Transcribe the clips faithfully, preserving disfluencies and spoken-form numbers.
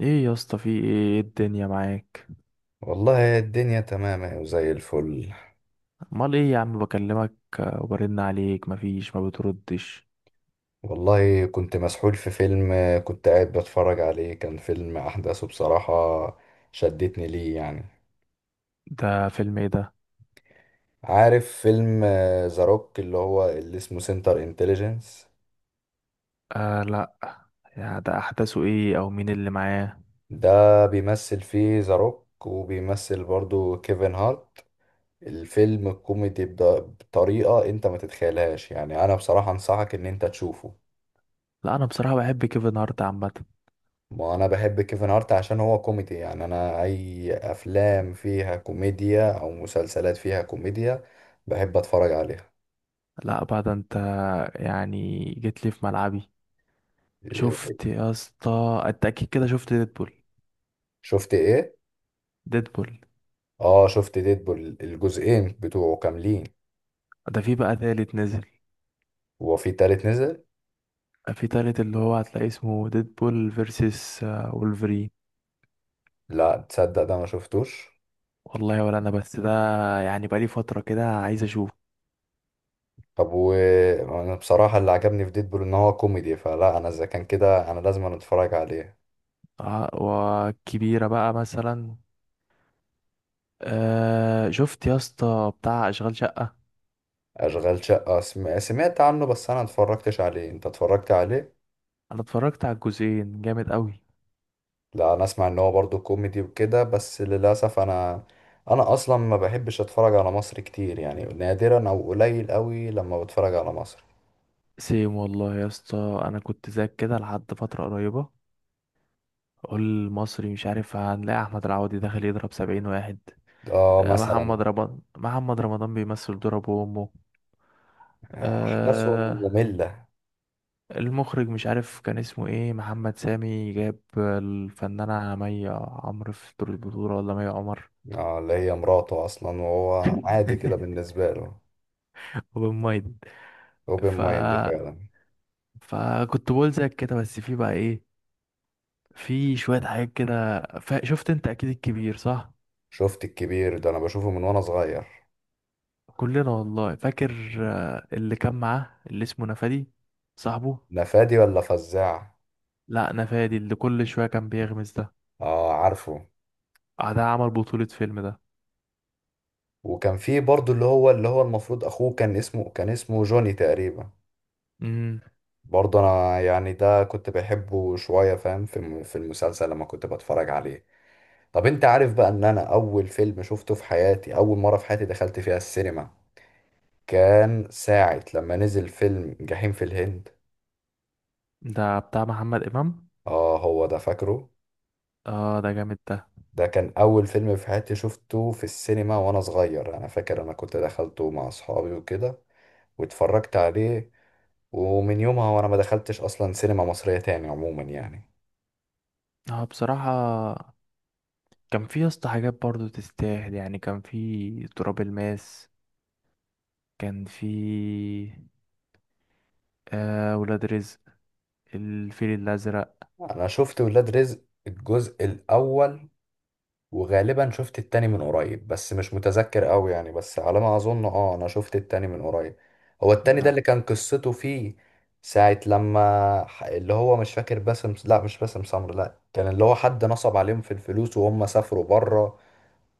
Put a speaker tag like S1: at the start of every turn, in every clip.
S1: ايه يا اسطى، في ايه؟ إيه الدنيا معاك؟
S2: والله الدنيا تمام أهي وزي الفل.
S1: امال ايه يا عم بكلمك؟ آه، وبرن عليك مفيش ما بتردش.
S2: والله كنت مسحول في فيلم. كنت قاعد بتفرج عليه، كان فيلم أحداثه بصراحة شدتني ليه يعني.
S1: ده فيلم ايه ده؟
S2: عارف فيلم ذا روك اللي هو اللي اسمه سنتر انتليجنس؟
S1: آه لا. يا ده احداثه ايه او مين اللي معاه؟
S2: ده بيمثل فيه ذا روك وبيمثل برضو كيفن هارت. الفيلم الكوميدي بد- بطريقة انت ما تتخيلهاش يعني. انا بصراحة انصحك ان انت تشوفه.
S1: لا انا بصراحة بحب كيفن هارت عامة.
S2: ما انا بحب كيفن هارت عشان هو كوميدي، يعني انا اي افلام فيها كوميديا او مسلسلات فيها كوميديا بحب اتفرج عليها.
S1: لا بعد انت، يعني جيت لي في ملعبي.
S2: إيه،
S1: شفت يا اسطى؟ انت اكيد كده شفت ديدبول.
S2: شفت ايه؟
S1: ديدبول.
S2: اه شفت ديدبول الجزئين بتوعه كاملين.
S1: ده في بقى تالت نزل.
S2: هو في تالت نزل؟
S1: في تالت اللي هو هتلاقي اسمه ديدبول فيرسس وولفرين.
S2: لا تصدق، ده ما شفتوش.
S1: والله ولا انا، بس ده يعني بقالي فترة كده عايز اشوف.
S2: طب وانا بصراحة اللي عجبني في ديدبول ان هو كوميدي، فلا انا اذا كان كده انا لازم أنا اتفرج عليه.
S1: آه، وكبيرة بقى مثلا. أه، شفت يا اسطى بتاع اشغال شقة؟
S2: اشغال شقة سم- سمعت عنه، بس انا اتفرجتش عليه. انت اتفرجت عليه؟
S1: انا اتفرجت على الجزئين، جامد قوي.
S2: لا انا اسمع ان هو برضو كوميدي وكده، بس للاسف انا انا اصلا ما بحبش اتفرج على مصر كتير، يعني نادرا او قليل قوي لما بتفرج على مصر.
S1: سيم والله يا اسطى، انا كنت زيك كده لحد فترة قريبة. اقول المصري مش عارف، هنلاقي احمد العوضي داخل يضرب سبعين واحد.
S2: اه
S1: أه،
S2: مثلا.
S1: محمد رمضان، محمد رمضان بيمثل دور ابو امه.
S2: احداثهم
S1: أه،
S2: مملة.
S1: المخرج مش عارف كان اسمه ايه، محمد سامي، جاب الفنانة مي عمرو في دور البطولة ولا مي عمر.
S2: اه اللي هي مراته اصلا، وهو عادي كده بالنسبة له.
S1: وبن مايد.
S2: اوبن
S1: ف
S2: مايند فعلا.
S1: فكنت بقول زيك كده، بس في بقى ايه، في شوية حاجات كده ف... شفت انت اكيد الكبير، صح؟
S2: شفت الكبير ده انا بشوفه من وانا صغير.
S1: كلنا والله فاكر. آه، اللي كان معاه اللي اسمه نفادي، صاحبه.
S2: نفادي ولا فزاع؟
S1: لا، نفادي اللي كل شوية كان بيغمز ده.
S2: اه عارفه.
S1: آه، ده عمل بطولة فيلم ده.
S2: وكان في برضو اللي هو اللي هو المفروض اخوه، كان اسمه كان اسمه جوني تقريبا.
S1: امم
S2: برضه انا يعني ده كنت بحبه شويه، فاهم، في الم- في المسلسل لما كنت بتفرج عليه. طب انت عارف بقى ان انا اول فيلم شفته في حياتي، اول مره في حياتي دخلت فيها السينما، كان ساعه لما نزل فيلم جحيم في الهند.
S1: ده بتاع محمد امام.
S2: اه هو ده فاكره.
S1: اه، ده جامد ده.
S2: ده كان اول فيلم في حياتي شفته في السينما وانا صغير. انا فاكر انا كنت دخلته مع اصحابي وكده، واتفرجت عليه. ومن يومها وانا ما دخلتش اصلا سينما مصريه تاني عموما يعني.
S1: اه بصراحة، كان في يا اسطى حاجات برضو تستاهل، يعني كان في تراب الماس، كان في، آه، ولاد رزق، الفيل الأزرق.
S2: انا شفت ولاد رزق الجزء الاول. وغالبا شفت التاني من قريب بس مش متذكر قوي يعني، بس على ما اظن اه انا شفت التاني من قريب. هو التاني ده
S1: لا.
S2: اللي كان قصته فيه ساعة لما ح- اللي هو مش فاكر باسم، لا مش باسم سمر، لا كان اللي هو حد نصب عليهم في الفلوس وهم سافروا بره،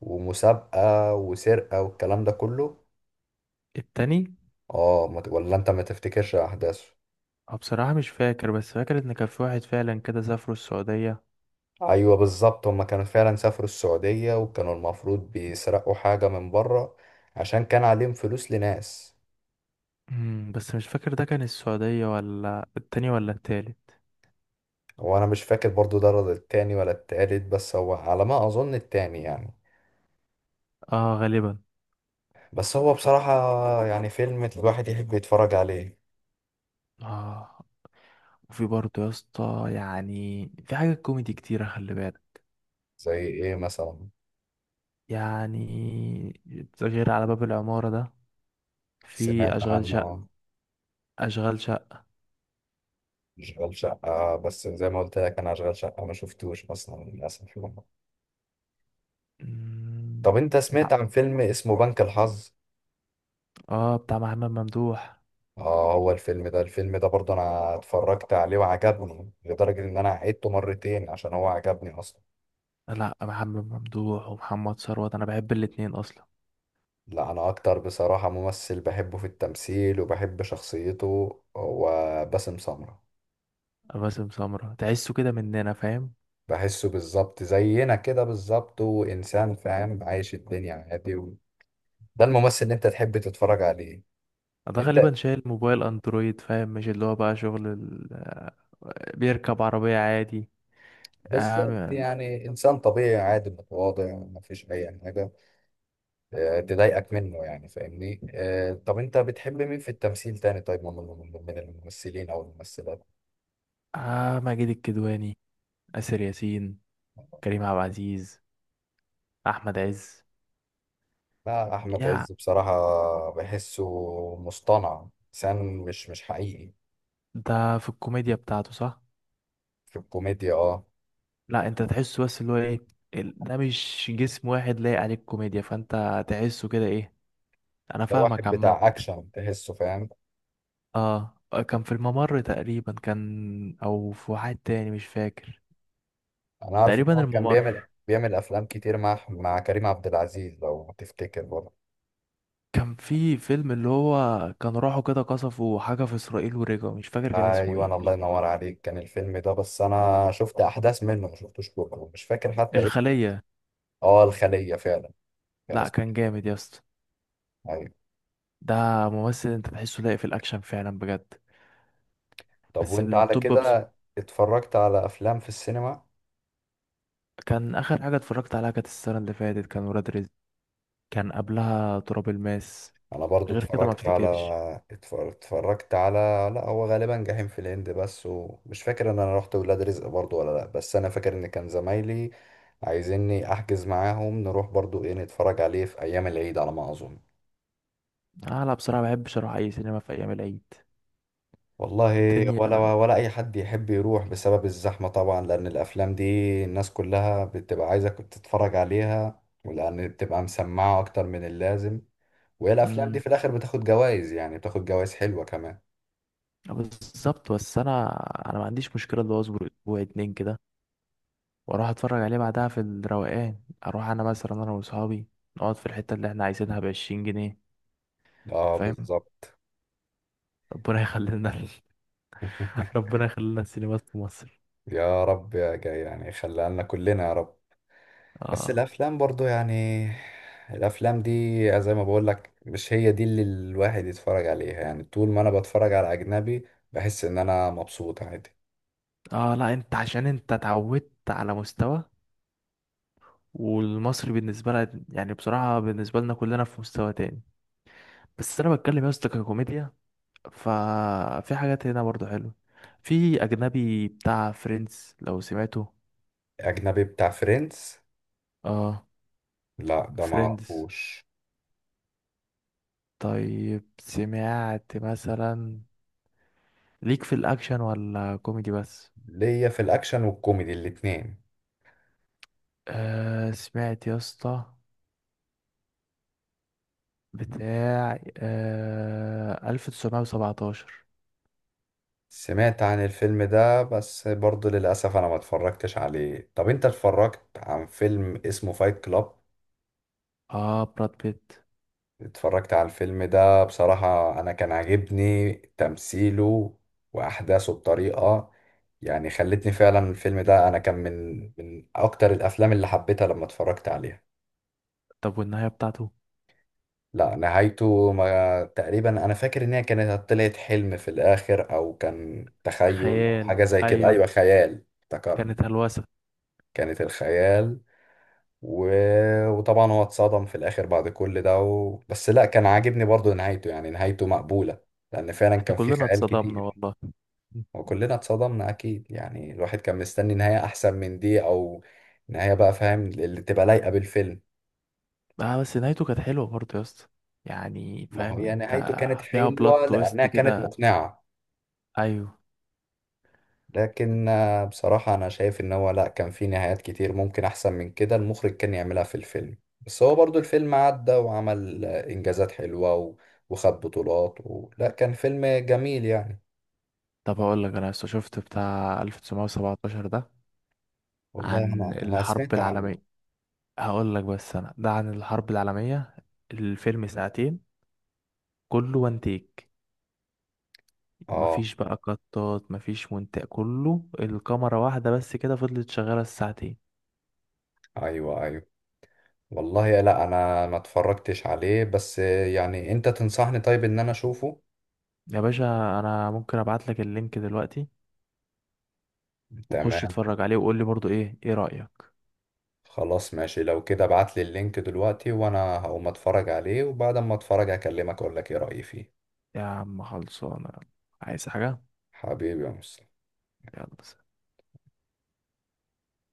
S2: ومسابقة وسرقة والكلام ده كله.
S1: التاني.
S2: اه ما ت- ولا انت ما تفتكرش احداثه؟
S1: اه بصراحة مش فاكر، بس فاكر ان كان في واحد فعلا كده سافروا السعودية.
S2: ايوه بالظبط، هما كانوا فعلا سافروا السعودية، وكانوا المفروض بيسرقوا حاجة من بره عشان كان عليهم فلوس لناس.
S1: مم، بس مش فاكر ده كان السعودية ولا التاني ولا التالت.
S2: هو انا مش فاكر برضو ده رد التاني ولا التالت، بس هو على ما اظن التاني يعني.
S1: اه غالبا.
S2: بس هو بصراحة يعني فيلم الواحد يحب يتفرج عليه.
S1: اه. وفي برضو يا اسطى، يعني في حاجة كوميدي كتيرة، خلي بالك.
S2: زي ايه مثلا؟
S1: يعني غير على باب العمارة ده، في
S2: سمعت
S1: أشغال،
S2: عنه آه،
S1: أشغال شقة.
S2: اشغال شقة. بس زي ما قلت لك انا اشغال شقة ما شفتوش اصلا للاسف يعني.
S1: مم،
S2: طب انت سمعت
S1: لا.
S2: عن فيلم اسمه بنك الحظ؟
S1: اه، بتاع محمد ممدوح.
S2: اه هو الفيلم ده، الفيلم ده برضو انا اتفرجت عليه وعجبني لدرجة ان انا عيدته مرتين عشان هو عجبني اصلا.
S1: لا، محمد ممدوح ومحمد ثروت انا بحب الاتنين اصلا.
S2: لا انا اكتر بصراحة ممثل بحبه في التمثيل وبحب شخصيته هو باسم سمرة.
S1: باسم سمرة تحسه كده مننا، فاهم.
S2: بحسه بالظبط زينا كده بالظبط، وانسان فاهم عايش الدنيا عادي، و... ده الممثل اللي انت تحب تتفرج عليه.
S1: ده
S2: انت
S1: غالبا شايل موبايل اندرويد، فاهم؟ مش اللي هو بقى شغل ال... آه، بيركب عربية عادي. آه,
S2: بالظبط
S1: م-
S2: يعني انسان طبيعي عادي متواضع مفيش اي حاجة آه، تضايقك منه يعني، فاهمني؟ آه، طب انت بتحب مين في التمثيل تاني طيب، من من- من الممثلين او الممثلات؟
S1: آه، ماجد الكدواني، آسر ياسين، كريم عبد العزيز، أحمد عز.
S2: لا احمد
S1: يا،
S2: عز بصراحه بحسه مصطنع، انسان مش مش حقيقي.
S1: ده في الكوميديا بتاعته، صح؟
S2: في الكوميديا اه.
S1: لا انت تحسه، بس اللي هو ايه، ال- ده مش جسم واحد لايق عليك كوميديا، فانت تحسه كده، ايه. انا
S2: ده
S1: فاهمك
S2: واحد
S1: عامة.
S2: بتاع اكشن تحسه، فاهم.
S1: اه، كان في الممر تقريبا كان، او في واحد تاني مش فاكر.
S2: انا عارف ان
S1: تقريبا
S2: هو كان
S1: الممر.
S2: بيعمل بيعمل افلام كتير مع مع كريم عبد العزيز لو تفتكر برضه.
S1: كان في فيلم اللي هو كان راحوا كده قصفوا حاجة في اسرائيل ورجعوا، مش فاكر كان اسمه
S2: ايوه، أنا الله
S1: ايه.
S2: ينور عليك، كان الفيلم ده. بس انا شفت احداث منه، ما شفتوش كله، مش فاكر حتى اسمه.
S1: الخلية.
S2: اه الخليه فعلا، كان
S1: لا
S2: اسمه
S1: كان
S2: كده.
S1: جامد يا اسطى.
S2: ايوه.
S1: ده ممثل انت تحسه لاقي في الاكشن فعلا بجد.
S2: طب
S1: بس
S2: وانت على
S1: التوب بص.
S2: كده اتفرجت على افلام في السينما؟
S1: كان اخر حاجة اتفرجت عليها كانت السنة اللي فاتت، كان ولاد رزق، كان قبلها تراب الماس.
S2: انا برضو
S1: غير كده ما
S2: اتفرجت على
S1: افتكرش.
S2: اتفر- اتفرجت على، لا هو غالبا جحيم في الهند بس، ومش فاكر ان انا رحت ولاد رزق برضو ولا لا، بس انا فاكر ان كان زمايلي عايزيني احجز معاهم نروح برضو ايه، نتفرج عليه في ايام العيد على ما اظن.
S1: انا بصراحة ما بحبش اروح اي سينما في ايام العيد.
S2: والله ولا
S1: الدنيا.
S2: ولا اي حد يحب يروح بسبب الزحمة طبعا، لان الافلام دي الناس كلها بتبقى عايزة تتفرج عليها، ولان بتبقى مسمعة اكتر من اللازم. وهي الافلام دي
S1: امم
S2: في الاخر بتاخد جوائز، يعني بتاخد جوائز حلوة كمان.
S1: بالظبط. بس انا انا ما عنديش مشكله اللي هو اصبر اسبوع اتنين كده، واروح اتفرج عليه بعدها في الروقان، اروح انا مثلا انا واصحابي، نقعد في الحته اللي احنا عايزينها بعشرين جنيه.
S2: اه
S1: فاهم.
S2: بالظبط.
S1: ربنا يخلينا ال- ربنا يخلينا السينمات في مصر.
S2: يا رب يا جاي يعني، خليها لنا كلنا يا رب. بس
S1: اه.
S2: الافلام برضو يعني الافلام دي زي ما بقول لك، مش هي دي اللي الواحد يتفرج عليها. يعني طول ما انا بتفرج على اجنبي بحس ان انا مبسوط عادي.
S1: اه لا، انت عشان انت اتعودت على مستوى، والمصري بالنسبه لنا يعني بصراحه بالنسبه لنا كلنا في مستوى تاني. بس انا بتكلم يا اسطى ككوميديا، ففي حاجات هنا برضو حلوة. في أجنبي بتاع فريندز، لو سمعته.
S2: اجنبي بتاع فريندز؟
S1: اه،
S2: لا ده ما
S1: فريندز.
S2: اعرفوش.
S1: طيب سمعت مثلا، ليك في الأكشن ولا كوميدي بس؟
S2: ليا في الاكشن والكوميدي الاتنين.
S1: آه، سمعت يا اسطى بتاع آه تسعتاشر سبعتاشر؟
S2: سمعت عن الفيلم ده بس برضو للاسف انا ما اتفرجتش عليه. طب انت اتفرجت عن فيلم اسمه فايت كلاب؟
S1: اه، براد بيت.
S2: اتفرجت على الفيلم ده بصراحة، أنا كان عاجبني تمثيله وأحداثه بطريقة يعني خلتني فعلا الفيلم ده أنا كان من من أكتر الأفلام اللي حبيتها لما اتفرجت عليها.
S1: طب والنهاية بتاعته؟
S2: لا نهايته ما، تقريبا أنا فاكر إن هي كانت طلعت حلم في الآخر أو كان تخيل أو
S1: خيال.
S2: حاجة زي كده،
S1: أيوه.
S2: أيوة خيال افتكرت.
S1: كانت هلوسة.
S2: كانت الخيال و... وطبعا هو اتصدم في الاخر بعد كل ده و... بس لا كان عاجبني برضو نهايته، يعني نهايته مقبولة لان فعلا
S1: احنا
S2: كان في
S1: كلنا
S2: خيال
S1: اتصدمنا
S2: كتير.
S1: والله.
S2: وكلنا اتصدمنا اكيد، يعني الواحد كان مستني نهاية احسن من دي، او نهاية بقى فاهم اللي تبقى لايقة بالفيلم.
S1: اه، بس نهايته كانت حلوة برضه يا اسطى، يعني
S2: ما هو
S1: فاهم
S2: يعني
S1: انت.
S2: نهايته كانت
S1: فيها
S2: حلوة
S1: بلوت
S2: لانها
S1: تويست
S2: كانت
S1: كده.
S2: مقنعة،
S1: ايوه.
S2: لكن آه، بصراحة أنا شايف إن هو لأ، كان في نهايات كتير ممكن أحسن من كده المخرج كان يعملها في الفيلم. بس هو برضو الفيلم عدى وعمل آه، إنجازات حلوة و... وخد بطولات و... لأ كان فيلم جميل يعني.
S1: طب هقول لك، انا لسه شفت بتاع تسعتاشر سبعتاشر ده،
S2: والله
S1: عن
S2: أنا أنا
S1: الحرب
S2: سمعت عنه.
S1: العالمية. هقول لك، بس انا ده عن الحرب العالمية. الفيلم ساعتين كله وان تيك،
S2: آه
S1: مفيش بقى قطات، مفيش مونتاج، كله الكاميرا واحدة بس كده، فضلت شغالة الساعتين.
S2: أيوه أيوه. والله يا لأ أنا ما اتفرجتش عليه، بس آه، يعني أنت تنصحني طيب إن أنا أشوفه.
S1: يا باشا، انا ممكن ابعت لك اللينك دلوقتي، وخش
S2: تمام.
S1: اتفرج عليه وقول لي برضه ايه ايه رأيك.
S2: خلاص ماشي، لو كده ابعتلي اللينك دلوقتي وأنا هقوم أتفرج عليه، وبعد ما أتفرج هكلمك أقول لك إيه رأيي فيه.
S1: يا عم خلصانة، يلا. عايز حاجة؟
S2: حبيبي يا مصطفى.
S1: يلا